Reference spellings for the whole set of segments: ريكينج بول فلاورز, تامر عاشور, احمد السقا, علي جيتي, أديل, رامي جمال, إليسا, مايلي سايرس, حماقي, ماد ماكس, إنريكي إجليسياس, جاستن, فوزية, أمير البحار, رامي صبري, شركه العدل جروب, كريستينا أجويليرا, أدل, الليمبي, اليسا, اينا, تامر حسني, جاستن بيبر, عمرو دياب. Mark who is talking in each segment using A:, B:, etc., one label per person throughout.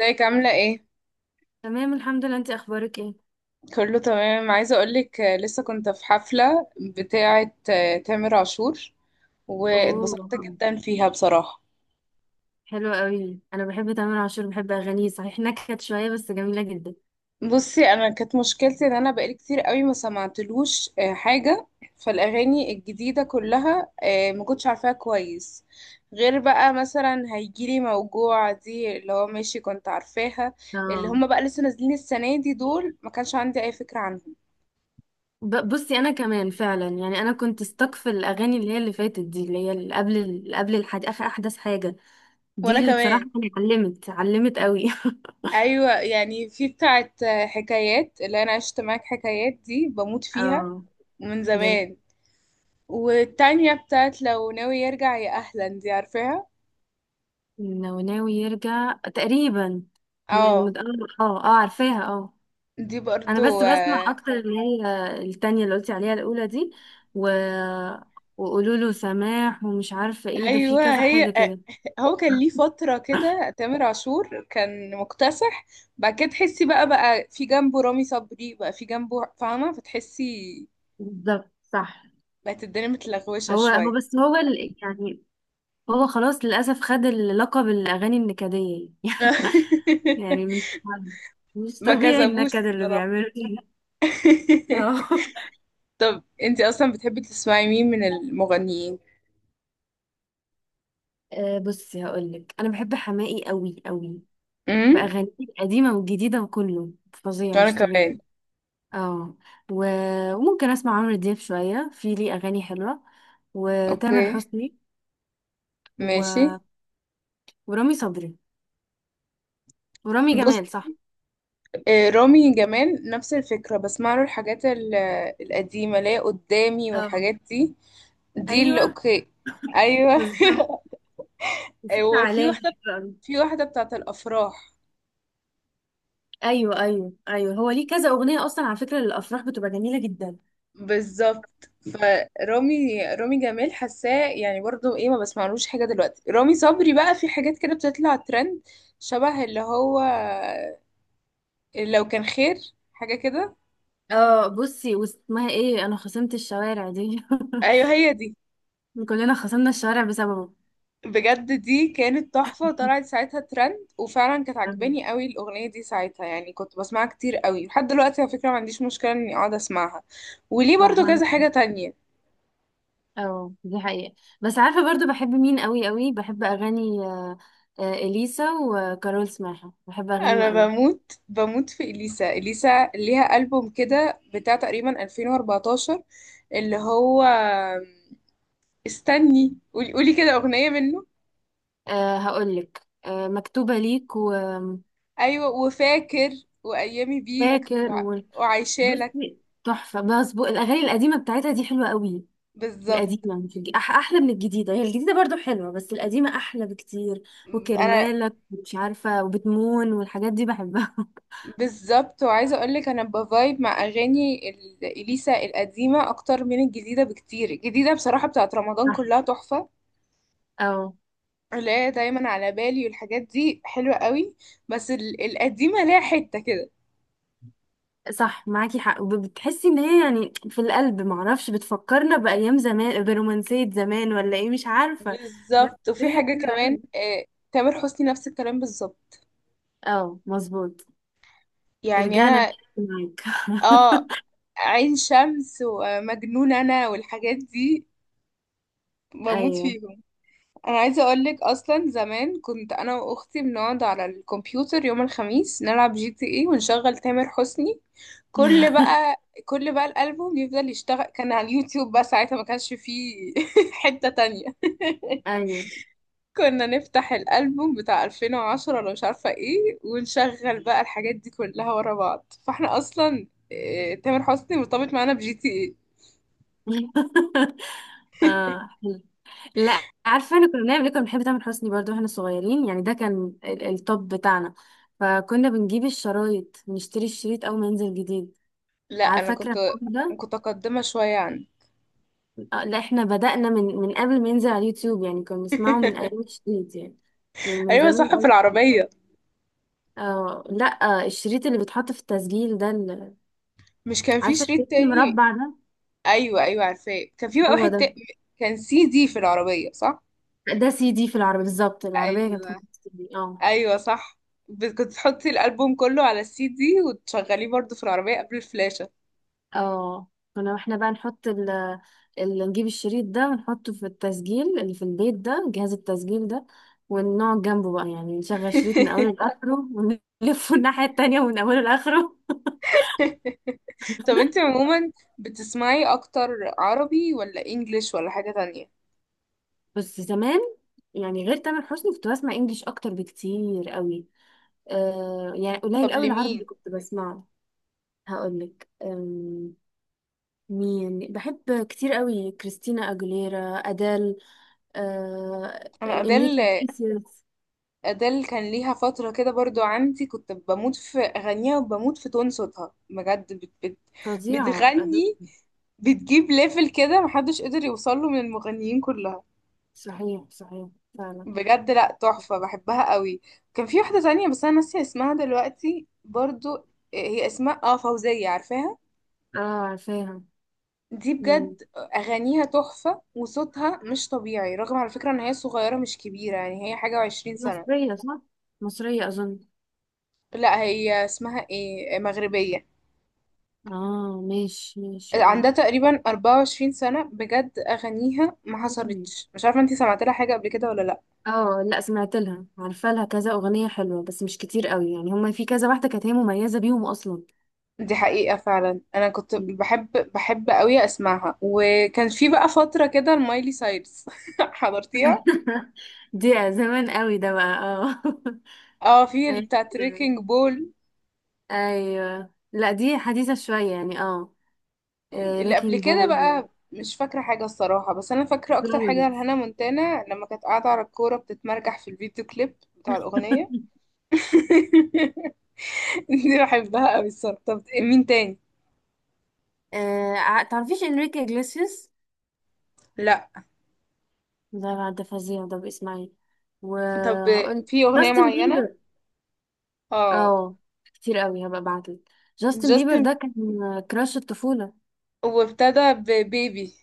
A: ازيك عاملة ايه؟
B: تمام الحمد لله، انت اخبارك ايه؟
A: كله تمام. عايزة اقولك، لسه كنت في حفلة بتاعة تامر عاشور، واتبسطت
B: اوه.
A: جدا فيها بصراحة.
B: حلو قوي، انا بحب تامر عاشور، بحب اغانيه، صحيح نكت شويه بس جميله جدا.
A: بصي، انا كانت مشكلتي ان انا بقالي كتير قوي ما سمعتلوش حاجة، فالاغاني الجديدة كلها ما كنتش عارفاها كويس. غير بقى، مثلا هيجيلي موجوع دي اللي هو ماشي كنت عارفاها. اللي
B: اه.
A: هما بقى لسه نازلين السنة دي دول، ما كانش عندي اي فكرة عنهم.
B: بصي انا كمان فعلا يعني انا كنت stuck في الاغاني اللي هي اللي فاتت دي، اللي هي اللي قبل اللي قبل اخر احدث حاجه دي
A: وانا
B: اللي بصراحه
A: كمان.
B: يعني علمت علمت قوي.
A: ايوه، يعني في بتاعت حكايات اللي انا عشت معاك. حكايات دي بموت فيها
B: اه.
A: من
B: جميل.
A: زمان. والتانية بتاعت لو ناوي يرجع يا اهلا دي عارفاها.
B: ناوي ناوي يرجع تقريبا. م-
A: اه.
B: عارفاها اه.
A: دي
B: انا
A: برضو
B: بس بسمع
A: آه،
B: اكتر اللي هي التانية اللي قلتي عليها، الاولى دي. و... وقولوا له سماح ومش عارفة ايه ده، في
A: ايوه،
B: كذا
A: هي
B: حاجة كده.
A: هو كان ليه فترة كده تامر عاشور كان مكتسح. بعد كده تحسي بقى في جنبه رامي صبري، بقى في جنبه، فاهمة؟ فتحسي
B: بالظبط صح.
A: بقت الدنيا متلغوشة
B: هو هو
A: شوية.
B: بس هو يعني، هو خلاص للاسف خد اللقب الاغاني النكدية. يعني مش
A: ما
B: طبيعي
A: كذبوش
B: النكد اللي
A: الصراحة.
B: بيعمله ده. اه.
A: طب انت اصلا بتحبي تسمعي مين من المغنيين؟
B: آه، بصي هقولك انا بحب حماقي قوي قوي
A: امم
B: باغانيه القديمة والجديدة، وكله فظيع
A: وانا
B: مش طبيعي.
A: كمان.
B: اه. وممكن اسمع عمرو دياب شوية، في ليه اغاني حلوة، وتامر
A: اوكي،
B: حسني.
A: ماشي.
B: و... ورامي صبري، ورامي
A: بص،
B: جمال، صح.
A: رامي جمال نفس الفكرة، بسمع له الحاجات القديمة اللي هي قدامي
B: اه.
A: والحاجات دي. دي اللي
B: ايوه.
A: اوكي. ايوه.
B: بالظبط. وفي
A: وفي
B: تعالى.
A: واحدة في واحدة بتاعت الافراح.
B: ايوه ايوه ايوه، هو ليه كذا اغنية اصلا على فكرة للافراح بتبقى جميلة جدا.
A: بالظبط. فرامي جمال حاساه، يعني برضو ايه، ما بسمعلوش حاجة دلوقتي. رامي صبري بقى في حاجات كده بتطلع ترند، شبه اللي هو لو كان خير، حاجة كده.
B: اه بصي، واسمها ايه، انا خصمت الشوارع دي.
A: ايوه هي دي.
B: كلنا خصمنا الشوارع بسببه.
A: بجد دي كانت تحفة، طلعت ساعتها ترند وفعلا كانت عجباني قوي الأغنية دي ساعتها. يعني كنت بسمعها كتير قوي لحد دلوقتي. على فكرة ما عنديش مشكلة اني اقعد اسمعها، وليه برضو كذا حاجة تانية.
B: اه دي حقيقة. بس عارفة برضو بحب مين قوي قوي، بحب أغاني إليسا وكارول سماحة، بحب أغانيهم
A: انا
B: قوي.
A: بموت في اليسا. اليسا ليها ألبوم كده بتاع تقريبا 2014، اللي هو... استني، قولي كده أغنية منه.
B: أه هقولك، أه مكتوبة ليك، وفاكر.
A: ايوه، وفاكر، وايامي بيك
B: و...
A: وعايشالك.
B: بصي تحفة، بس الأغاني القديمة بتاعتها دي حلوة قوي.
A: بالظبط.
B: القديمة، مش الج... أح أحلى من الجديدة، هي الجديدة برضو حلوة بس القديمة أحلى بكتير.
A: انا
B: وكرمالك، مش عارفة، وبتمون، والحاجات دي بحبها.
A: بالظبط، وعايزه اقول لك انا بفايب مع اغاني اليسا القديمه اكتر من الجديده بكتير. الجديده بصراحه بتاعت رمضان
B: صح.
A: كلها تحفه،
B: اه.
A: اللي هي دايما على بالي والحاجات دي حلوه قوي. بس القديمه ليها حته كده.
B: صح معاكي حق، وبتحسي ان هي يعني في القلب، معرفش، بتفكرنا بأيام زمان، برومانسية زمان ولا ايه، مش عارفة. بس
A: بالظبط. وفي
B: هي
A: حاجه
B: حلوة
A: كمان،
B: أوي.
A: تامر حسني نفس الكلام بالظبط،
B: اه مظبوط.
A: يعني
B: رجعنا
A: انا...
B: نحكي معاك.
A: اه، عين شمس ومجنون انا والحاجات دي، بموت
B: ايوه.
A: فيهم. انا عايزه اقول لك اصلا زمان كنت انا واختي بنقعد على الكمبيوتر يوم الخميس نلعب جي تي اي ونشغل تامر حسني. كل بقى كل بقى الالبوم يفضل يشتغل. كان على اليوتيوب بقى ساعتها، ما كانش فيه حته تانية
B: ايوه.
A: كنا نفتح الالبوم بتاع 2010 ولا مش عارفه ايه، ونشغل بقى الحاجات دي كلها ورا بعض. فاحنا اصلا تامر حسني مرتبط معانا بجي تي اي.
B: اه حلو. لا عارفه انا كنا بنعمل ايه، كنا بنحب تامر حسني برضو واحنا صغيرين، يعني ده كان التوب بتاعنا. فكنا بنجيب الشرايط، نشتري الشريط اول ما ينزل جديد.
A: لا
B: عارفه
A: انا
B: فاكره
A: كنت
B: الحوار ده.
A: كنت متقدمه شويه عنه.
B: آه، لا احنا بدأنا من قبل ما ينزل على اليوتيوب، يعني كنا بنسمعه من ايام الشريط يعني. من
A: ايوه
B: زمان
A: صح، في
B: قوي.
A: العربيه.
B: اه. لا. آه، الشريط اللي بيتحط في التسجيل ده
A: مش كان في
B: عارفه
A: شريط
B: الشريط
A: تاني؟
B: المربع ده.
A: ايوه ايوه عارفاه، كان في بقى
B: هو
A: واحد.
B: ده.
A: كان سي دي في العربيه، صح؟
B: ده سي دي في العربية، بالظبط، العربية كانت بتحط
A: ايوه
B: سي دي، اه.
A: ايوه صح. كنت تحطي الالبوم كله على السي دي وتشغليه برضه في العربيه قبل الفلاشه.
B: اه كنا احنا بقى نحط اللي نجيب الشريط ده ونحطه في التسجيل اللي في البيت ده، جهاز التسجيل ده. ونقعد جنبه بقى، يعني نشغل شريط من اوله لاخره، ونلفه الناحية التانية من اوله لاخره.
A: طب انت عموما بتسمعي اكتر عربي ولا انجليش ولا حاجه تانية؟
B: بس زمان، يعني غير تامر حسني كنت بسمع انجليش اكتر بكتير قوي. آه، يعني قليل
A: طب
B: قوي العربي اللي
A: لمين؟
B: كنت بسمعه. هقولك، مين بحب كتير قوي؟ كريستينا اجوليرا، ادال، آه،
A: انا ادل.
B: انريكي إجليسياس.
A: أديل كان ليها فترة كده برضو عندي، كنت بموت في أغانيها وبموت في تون صوتها بجد. بت بت
B: فظيعة أدل.
A: بتغني، بتجيب ليفل كده محدش قدر يوصله من المغنيين كلها.
B: صحيح صحيح، فعلا.
A: بجد لأ، تحفة بحبها قوي. كان في واحدة تانية بس أنا ناسية اسمها دلوقتي برضو. هي اسمها فوزية، عارفاها؟
B: اه عارفاها.
A: دي
B: مم.
A: بجد أغانيها تحفة وصوتها مش طبيعي، رغم على فكرة إن هي صغيرة مش كبيرة، يعني هي حاجة وعشرين سنة.
B: مصرية صح؟ مصرية أظن.
A: لأ، هي اسمها ايه، مغربية.
B: اه ماشي ماشي.
A: عندها تقريبا 24 سنة. بجد أغانيها ما
B: اه.
A: حصلتش، مش عارفة انتي سمعت لها حاجة قبل كده ولا لأ.
B: اه لا، سمعت لها، عارفه لها كذا اغنيه حلوه بس مش كتير قوي، يعني هما في كذا واحده كانت هي مميزه بيهم اصلا.
A: دي حقيقة فعلا. أنا كنت
B: مم.
A: بحب قوي أسمعها. وكان في بقى فترة كده المايلي سايرس حضرتيها؟
B: دي زمان قوي ده بقى، اه.
A: اه، في
B: ايوه.
A: بتاع تريكنج بول.
B: أيوة. لا دي حديثه شويه يعني اه.
A: اللي قبل
B: ريكينج
A: كده
B: بول،
A: بقى مش فاكرة حاجة الصراحة، بس أنا فاكرة أكتر حاجة
B: فلاورز.
A: لهانا مونتانا لما كانت قاعدة على الكورة بتتمرجح في الفيديو كليب بتاع الأغنية. دي بحبها قوي الصراحة. طب مين تاني؟
B: آه، تعرفيش انريكي اجليسيوس؟
A: لا.
B: ده بقى؟ ده فظيع ده، باسمعي
A: طب
B: وهقول
A: في أغنية
B: جاستن
A: معينة؟
B: بيبر.
A: اه،
B: اه. كتير قوي، هبقى ابعتلك. جاستن بيبر
A: جاستن،
B: ده كان كراش الطفولة.
A: وابتدى ببيبي.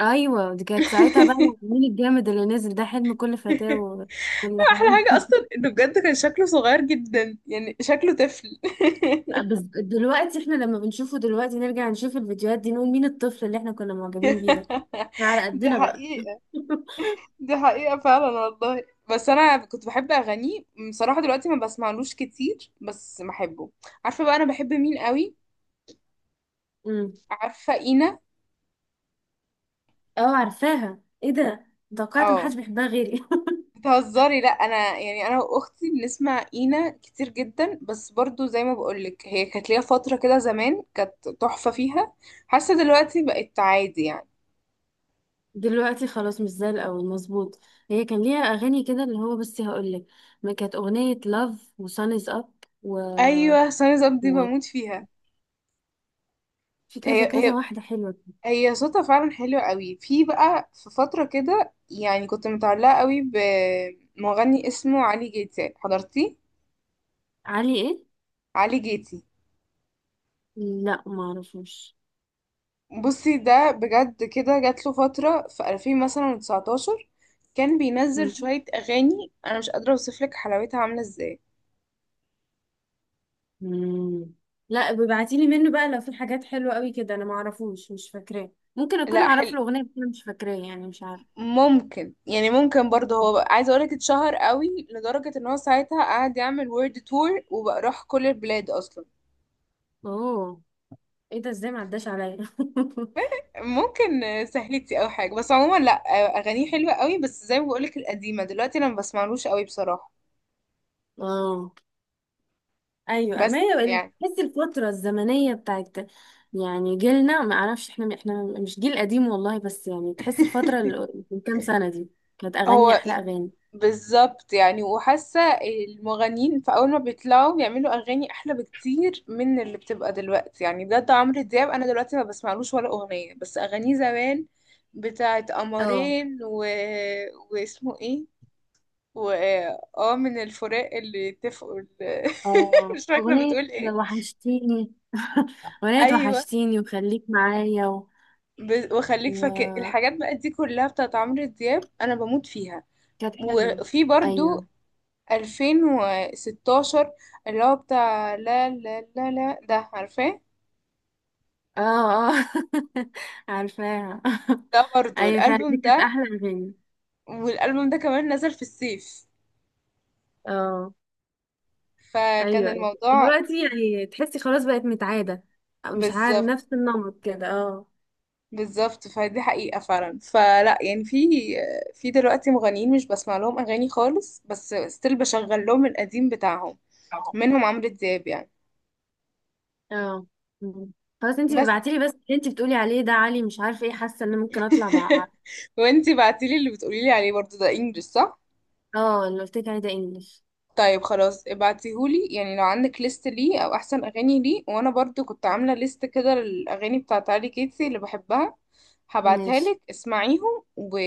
B: ايوه دي كانت ساعتها بقى، مين الجامد اللي نزل ده، حلم كل فتاة وكل حاجه.
A: احلى حاجة اصلا انه بجد كان شكله صغير جدا، يعني شكله طفل.
B: بس دلوقتي احنا لما بنشوفه دلوقتي، نرجع نشوف الفيديوهات دي، نقول مين الطفل اللي احنا كنا معجبين بيه ده. إحنا على
A: دي
B: قدنا بقى.
A: حقيقة، دي حقيقة فعلا والله. بس انا كنت بحب اغانيه بصراحة، دلوقتي ما بسمعلوش كتير بس بحبه. عارفة بقى انا بحب مين قوي؟
B: امم.
A: عارفة اينا؟
B: اه عارفاها، ايه ده. توقعت
A: اه،
B: محدش بيحبها غيري.
A: بتهزري؟ لا، انا يعني انا واختي بنسمع اينا كتير جدا. بس برضو زي ما بقولك هي كانت ليها فتره كده زمان كانت تحفه فيها. حاسه دلوقتي بقت عادي يعني.
B: دلوقتي خلاص مش زي الاول، مظبوط. هي كان ليها اغاني كده، اللي هو بصي هقول لك، ما كانت اغنيه لاف وسان از اب، و
A: ايوه سنه زبدي
B: و
A: بموت فيها.
B: في
A: هي
B: كذا كذا
A: هي
B: واحده حلوه كده.
A: هي صوتها فعلا حلو قوي. في بقى، في فتره كده يعني كنت متعلقه قوي بمغني اسمه علي جيتي، حضرتيه؟
B: علي ايه؟
A: علي جيتي.
B: لا ما اعرفوش.
A: بصي ده بجد كده جات له فترة في 2000 مثلا 19، كان بينزل
B: مم.
A: شوية أغاني، أنا مش قادرة أوصف لك حلاوتها عاملة إزاي.
B: مم. لا ببعتيلي منه بقى لو في حاجات حلوة قوي كده، انا معرفوش، مش فاكراه، ممكن اكون
A: لا،
B: اعرف
A: حلو
B: له اغنية بس انا مش فاكراه يعني، مش عارفة.
A: ممكن، يعني ممكن برضه. عايزة أقولك اتشهر قوي لدرجة إن هو ساعتها قعد يعمل وورد تور وبقى راح كل البلاد أصلا.
B: اوه. ايه ده، ازاي ما عداش عليا؟
A: ممكن سهلتي أو حاجة، بس عموما لا. أغانيه حلوة قوي بس زي ما بقولك القديمة، دلوقتي أنا ما بسمعلوش قوي بصراحة.
B: اه. ايوه، ما
A: بس
B: هي
A: يعني
B: تحس الفترة الزمنية بتاعت، يعني جيلنا، ما اعرفش احنا، احنا مش جيل قديم والله، بس يعني تحس الفترة اللي من كام سنة دي كانت اغاني،
A: هو
B: احلى اغاني.
A: بالظبط، يعني وحاسة المغنيين في أول ما بيطلعوا بيعملوا أغاني أحلى بكتير من اللي بتبقى دلوقتي. يعني بجد عمرو دياب أنا دلوقتي ما بسمعلوش ولا أغنية، بس أغانيه زمان بتاعت
B: اه.
A: قمرين واسمه إيه، و اه من الفراق اللي اتفقوا
B: اه
A: مش فاكرة
B: اغنية
A: بتقول إيه.
B: وحشتيني. اغنية
A: أيوة
B: وحشتيني وخليك معايا.
A: وخليك فاكر
B: وكانت
A: الحاجات بقى دي كلها بتاعت عمرو دياب، أنا بموت فيها.
B: حلوة.
A: وفي برضو
B: أيوة.
A: 2016 اللي هو بتاع لا لا لا لا ده، عارفاه؟
B: اه. اه. عارفاها.
A: ده برضه
B: أيوة فعلا، دي
A: الألبوم
B: كانت
A: ده.
B: أحلى أغاني.
A: والألبوم ده كمان نزل في الصيف،
B: اه.
A: فكان
B: أيوة أيوة
A: الموضوع.
B: دلوقتي يعني تحسي خلاص بقت متعادة، أو مش عارف
A: بالظبط،
B: نفس النمط كده، اه.
A: بالظبط. فدي حقيقة فعلا. فلا يعني في، في دلوقتي مغنيين مش بسمع لهم أغاني خالص، بس ستيل بشغل لهم القديم بتاعهم، منهم عمرو دياب يعني.
B: اه. مم. خلاص انتي
A: بس
B: بتبعتيلي، بس اللي انتي بتقولي عليه ده عالي، مش عارفة ايه، حاسة ان ممكن اطلع بقى.
A: وانتي بعتيلي اللي بتقوليلي عليه برضه ده انجلش، صح؟
B: اه اللي قلتلك عليه ده انجلش.
A: طيب خلاص ابعتيهولي، يعني لو عندك ليست ليه او احسن اغاني ليه. وانا برضو كنت عامله ليست كده للاغاني بتاعت علي كيتسي اللي بحبها، هبعتها
B: ماشي.
A: لك اسمعيهم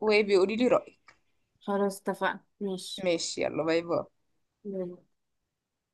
A: وبيقولي لي رايك.
B: خلاص اتفقنا، ماشي.
A: ماشي، يلا باي باي.
B: يلا.